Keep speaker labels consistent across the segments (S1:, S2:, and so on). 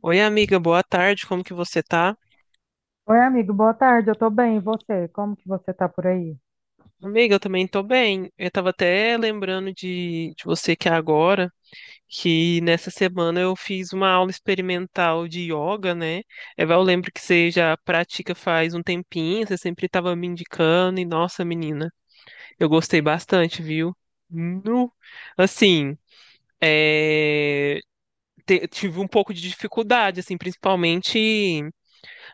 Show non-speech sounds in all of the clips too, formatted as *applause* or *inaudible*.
S1: Oi, amiga, boa tarde, como que você tá?
S2: Oi, amigo, boa tarde. Eu tô bem, e você? Como que você tá por aí?
S1: Amiga, eu também tô bem. Eu tava até lembrando de você que é agora, que nessa semana eu fiz uma aula experimental de yoga, né? Eva, eu lembro que você já pratica faz um tempinho, você sempre tava me indicando, e nossa, menina, eu gostei bastante, viu? Nu. Assim, é, tive um pouco de dificuldade, assim, principalmente.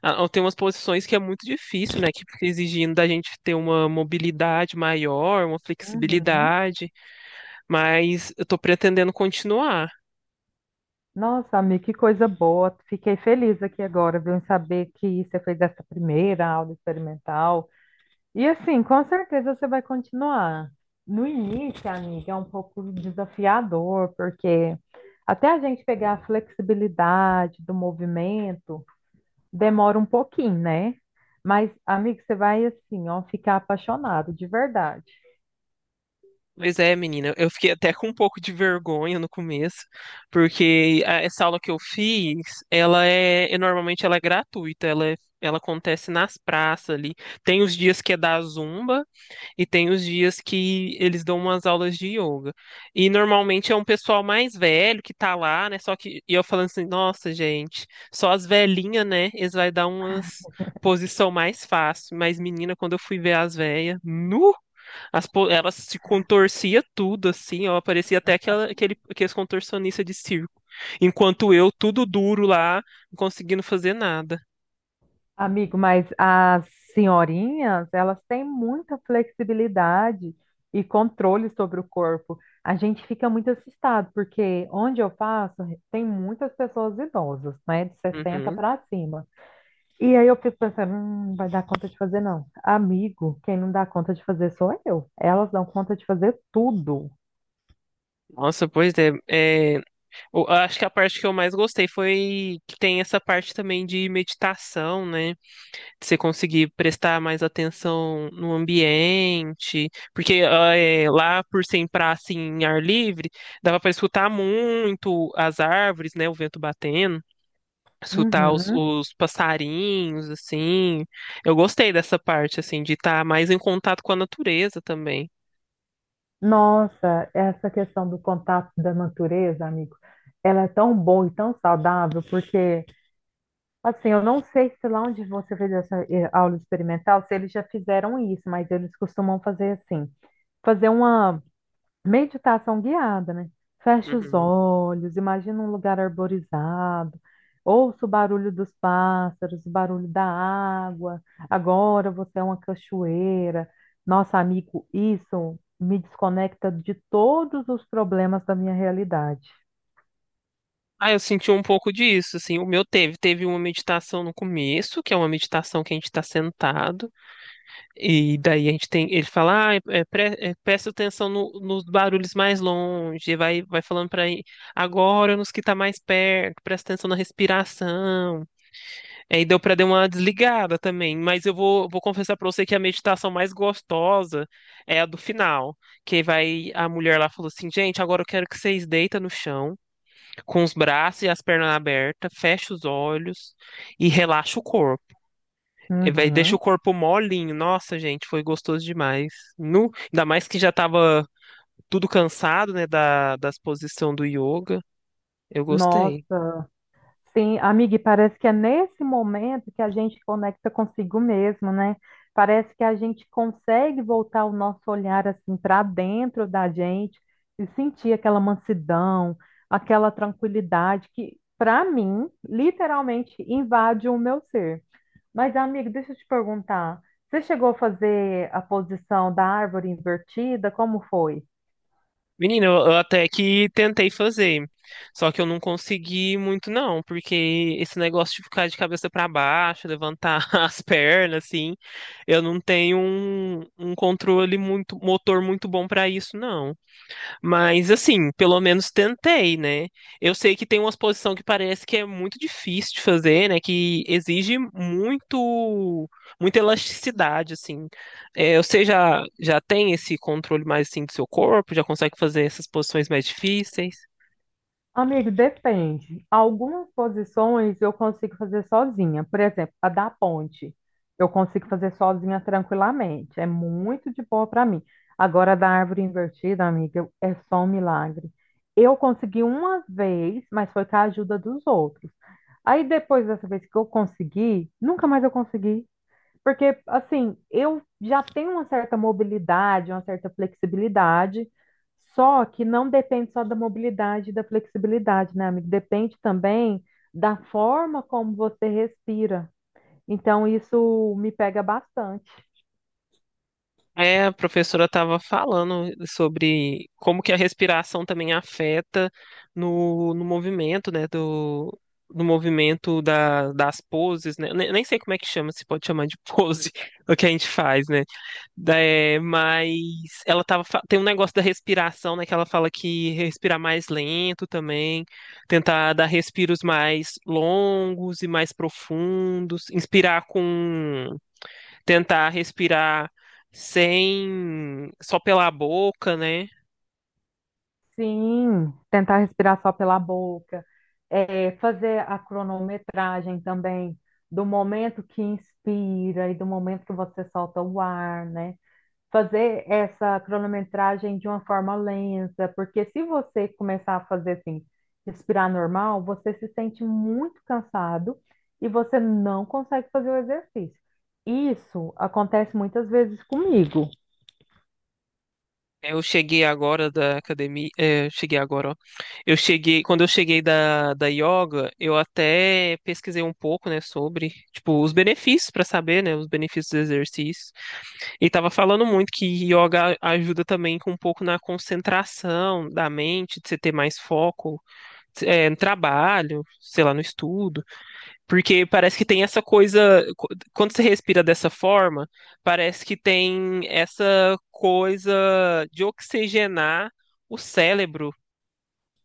S1: Tem umas posições que é muito difícil, né? Que fica exigindo da gente ter uma mobilidade maior, uma
S2: Uhum.
S1: flexibilidade, mas eu tô pretendendo continuar.
S2: Nossa, amigo, que coisa boa. Fiquei feliz aqui agora, viu, em saber que você fez essa primeira aula experimental. E assim, com certeza você vai continuar. No início, amiga, é um pouco desafiador, porque até a gente pegar a flexibilidade do movimento, demora um pouquinho, né? Mas, amigo, você vai assim, ó, ficar apaixonado, de verdade.
S1: Pois é, menina, eu fiquei até com um pouco de vergonha no começo, porque essa aula que eu fiz, e normalmente ela é gratuita, ela acontece nas praças ali. Tem os dias que é da Zumba, e tem os dias que eles dão umas aulas de yoga. E normalmente é um pessoal mais velho que tá lá, né? Só que eu falando assim, nossa, gente, só as velhinhas, né? Eles vai dar umas posição mais fácil. Mas, menina, quando eu fui ver as velhas, nu, elas se contorcia tudo, assim, ó. Parecia até aqueles contorcionistas de circo. Enquanto eu, tudo duro lá, não conseguindo fazer nada.
S2: Amigo, mas as senhorinhas, elas têm muita flexibilidade e controle sobre o corpo. A gente fica muito assustado, porque onde eu faço, tem muitas pessoas idosas, né, de 60
S1: Uhum.
S2: para cima. E aí eu fico pensando, não vai dar conta de fazer não. Amigo, quem não dá conta de fazer sou eu. Elas dão conta de fazer tudo.
S1: Nossa, pois é, é. Acho que a parte que eu mais gostei foi que tem essa parte também de meditação, né? De você conseguir prestar mais atenção no ambiente, porque lá por ser em praça em ar livre, dava para escutar muito as árvores, né? O vento batendo, escutar
S2: Uhum.
S1: os passarinhos, assim. Eu gostei dessa parte, assim, de estar mais em contato com a natureza também.
S2: Nossa, essa questão do contato da natureza, amigo, ela é tão boa e tão saudável, porque assim, eu não sei se lá onde você fez essa aula experimental, se eles já fizeram isso, mas eles costumam fazer assim, fazer uma meditação guiada, né? Fecha os
S1: Uhum.
S2: olhos, imagina um lugar arborizado, ouça o barulho dos pássaros, o barulho da água. Agora você é uma cachoeira. Nossa, amigo, isso me desconecta de todos os problemas da minha realidade.
S1: Ah, eu senti um pouco disso, assim, o meu teve uma meditação no começo, que é uma meditação que a gente está sentado, e daí a gente tem, ele fala, presta atenção nos barulhos mais longe, e vai falando para agora nos que tá mais perto, presta atenção na respiração, aí deu para dar uma desligada também, mas eu vou confessar para você que a meditação mais gostosa é a do final, que vai, a mulher lá falou assim, gente, agora eu quero que vocês deitem no chão, com os braços e as pernas abertas, fecha os olhos e relaxa o corpo. E vai, deixa o
S2: Uhum.
S1: corpo molinho. Nossa, gente, foi gostoso demais. Nu, ainda mais que já tava tudo cansado, né, das posições do yoga. Eu gostei.
S2: Nossa. Sim, amiga, e parece que é nesse momento que a gente conecta consigo mesmo, né? Parece que a gente consegue voltar o nosso olhar assim para dentro da gente e sentir aquela mansidão, aquela tranquilidade que, para mim, literalmente invade o meu ser. Mas, amiga, deixa eu te perguntar, você chegou a fazer a posição da árvore invertida? Como foi?
S1: Menina, eu até que tentei fazer, só que eu não consegui muito não, porque esse negócio de ficar de cabeça para baixo, levantar *laughs* as pernas, assim, eu não tenho um controle muito, motor muito bom para isso, não. Mas assim, pelo menos tentei, né? Eu sei que tem uma exposição que parece que é muito difícil de fazer, né? Que exige muito, muita elasticidade, assim. É, você já tem esse controle mais assim do seu corpo? Já consegue fazer essas posições mais difíceis?
S2: Amigo, depende. Algumas posições eu consigo fazer sozinha. Por exemplo, a da ponte. Eu consigo fazer sozinha tranquilamente. É muito de boa para mim. Agora, a da árvore invertida, amiga, é só um milagre. Eu consegui uma vez, mas foi com a ajuda dos outros. Aí, depois dessa vez que eu consegui, nunca mais eu consegui. Porque, assim, eu já tenho uma certa mobilidade, uma certa flexibilidade, só que não depende só da mobilidade e da flexibilidade, né, amigo? Depende também da forma como você respira. Então, isso me pega bastante.
S1: É, a professora estava falando sobre como que a respiração também afeta no movimento, né, do movimento das poses, né, nem sei como é que chama, se pode chamar de pose, *laughs* o que a gente faz, né, mas ela tem um negócio da respiração, né, que ela fala que respirar mais lento também, tentar dar respiros mais longos e mais profundos, inspirar com tentar respirar sem só pela boca, né?
S2: Sim, tentar respirar só pela boca, é, fazer a cronometragem também do momento que inspira e do momento que você solta o ar, né? Fazer essa cronometragem de uma forma lenta, porque se você começar a fazer assim, respirar normal, você se sente muito cansado e você não consegue fazer o exercício. Isso acontece muitas vezes comigo.
S1: Eu cheguei agora da academia, é, eu cheguei agora, ó. Eu cheguei, quando eu cheguei da yoga, eu até pesquisei um pouco, né, sobre, tipo, os benefícios para saber, né, os benefícios do exercício. E tava falando muito que yoga ajuda também com um pouco na concentração da mente, de você ter mais foco, é, no trabalho, sei lá, no estudo. Porque parece que tem essa coisa. Quando você respira dessa forma, parece que tem essa coisa de oxigenar o cérebro.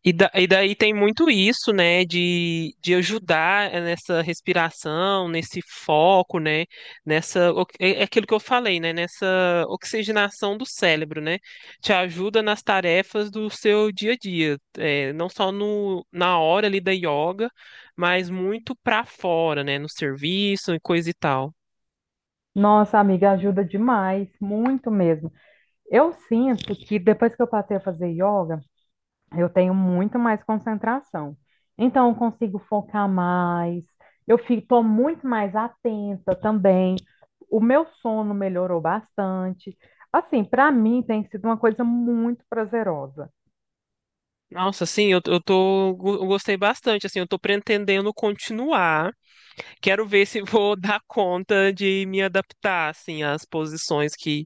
S1: Daí tem muito isso, né, de ajudar nessa respiração, nesse foco, né, nessa, é aquilo que eu falei, né, nessa oxigenação do cérebro, né, te ajuda nas tarefas do seu dia a dia, é, não só no, na hora ali da yoga, mas muito pra fora, né, no serviço e coisa e tal.
S2: Nossa, amiga, ajuda demais, muito mesmo. Eu sinto que depois que eu passei a fazer yoga, eu tenho muito mais concentração. Então, eu consigo focar mais, eu estou muito mais atenta também. O meu sono melhorou bastante. Assim, para mim tem sido uma coisa muito prazerosa.
S1: Nossa, assim, eu tô, eu gostei bastante, assim, eu tô pretendendo continuar. Quero ver se vou *laughs* dar conta de me adaptar, assim, às posições que.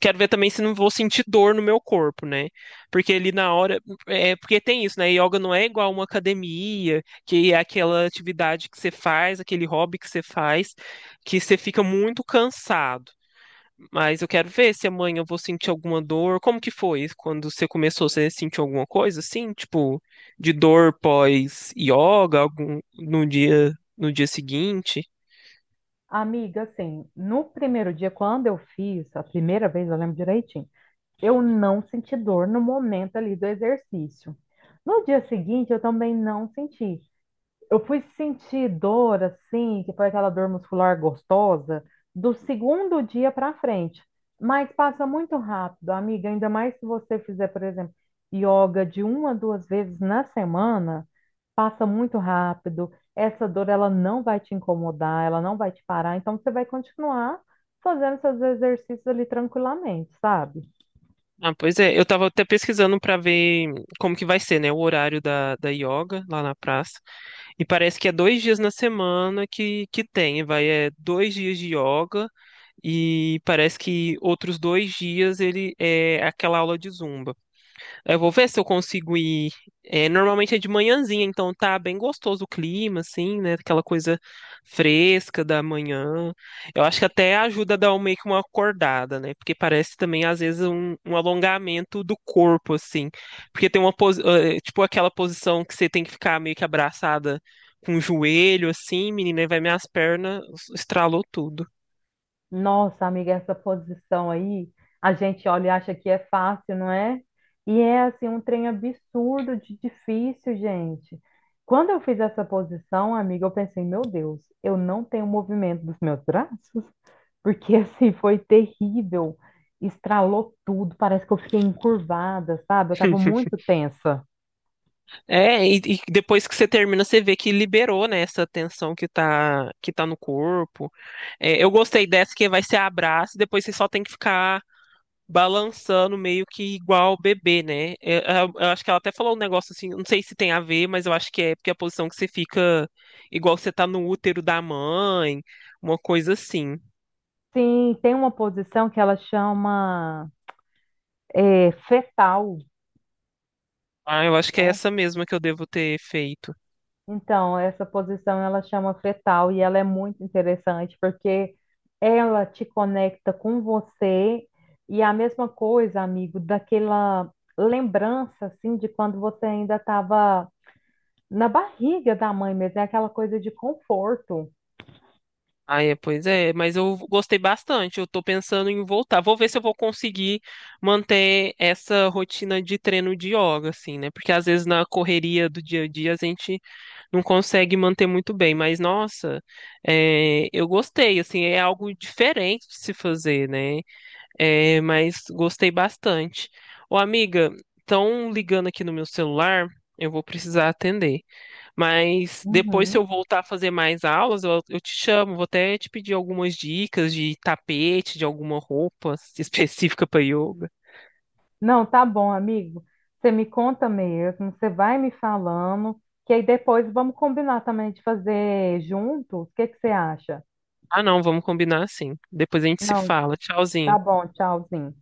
S1: Quero ver também se não vou sentir dor no meu corpo, né? Porque ali na hora. É, porque tem isso, né? Yoga não é igual uma academia, que é aquela atividade que você faz, aquele hobby que você faz, que você fica muito cansado. Mas eu quero ver se amanhã eu vou sentir alguma dor. Como que foi quando você começou? Você sentiu alguma coisa assim, tipo, de dor pós-yoga, algum no dia no dia seguinte?
S2: Amiga, assim, no primeiro dia, quando eu fiz, a primeira vez, eu lembro direitinho, eu não senti dor no momento ali do exercício. No dia seguinte, eu também não senti. Eu fui sentir dor, assim, que foi aquela dor muscular gostosa, do segundo dia para frente. Mas passa muito rápido, amiga. Ainda mais se você fizer, por exemplo, yoga de uma, a 2 vezes na semana, passa muito rápido. Essa dor, ela não vai te incomodar, ela não vai te parar. Então, você vai continuar fazendo seus exercícios ali tranquilamente, sabe?
S1: Ah, pois é, eu tava até pesquisando pra ver como que vai ser, né, o horário da yoga lá na praça. E parece que é dois dias na semana que tem, vai, é dois dias de yoga e parece que outros dois dias ele é aquela aula de zumba. Eu vou ver se eu consigo ir. É, normalmente é de manhãzinha, então tá bem gostoso o clima, assim, né? Aquela coisa fresca da manhã. Eu acho que até ajuda a dar meio que uma acordada, né? Porque parece também, às vezes, um alongamento do corpo, assim. Porque tem tipo aquela posição que você tem que ficar meio que abraçada com o joelho, assim, menina, e vai minhas pernas, estralou tudo.
S2: Nossa, amiga, essa posição aí, a gente olha e acha que é fácil, não é? E é assim um trem absurdo de difícil, gente. Quando eu fiz essa posição, amiga, eu pensei, meu Deus, eu não tenho movimento dos meus braços, porque *laughs* assim foi terrível. Estralou tudo, parece que eu fiquei encurvada, sabe? Eu estava
S1: *laughs*
S2: muito tensa.
S1: É, e depois que você termina, você vê que liberou, né, essa tensão que tá no corpo. É, eu gostei dessa que vai ser abraço, e depois você só tem que ficar balançando meio que igual o bebê, né? É, eu acho que ela até falou um negócio assim, não sei se tem a ver, mas eu acho que é porque a posição que você fica igual você tá no útero da mãe, uma coisa assim.
S2: Sim, tem uma posição que ela chama é, fetal.
S1: Ah, eu acho que é essa mesma que eu devo ter feito.
S2: Então, essa posição ela chama fetal e ela é muito interessante porque ela te conecta com você e a mesma coisa, amigo, daquela lembrança assim de quando você ainda estava na barriga da mãe mesmo, é aquela coisa de conforto.
S1: Ah, é, pois é, mas eu gostei bastante. Eu tô pensando em voltar. Vou ver se eu vou conseguir manter essa rotina de treino de yoga, assim, né? Porque às vezes na correria do dia a dia a gente não consegue manter muito bem. Mas nossa, é, eu gostei, assim, é algo diferente de se fazer, né? É, mas gostei bastante. Ô, amiga, estão ligando aqui no meu celular, eu vou precisar atender. Mas depois, se
S2: Uhum.
S1: eu voltar a fazer mais aulas, eu te chamo. Vou até te pedir algumas dicas de tapete, de alguma roupa *laughs* específica para yoga.
S2: Não, tá bom, amigo. Você me conta mesmo, você vai me falando, que aí depois vamos combinar também de fazer juntos. O que que você acha?
S1: Ah, não, vamos combinar sim. Depois a gente se
S2: Não,
S1: fala. Tchauzinho.
S2: tá bom, tchauzinho.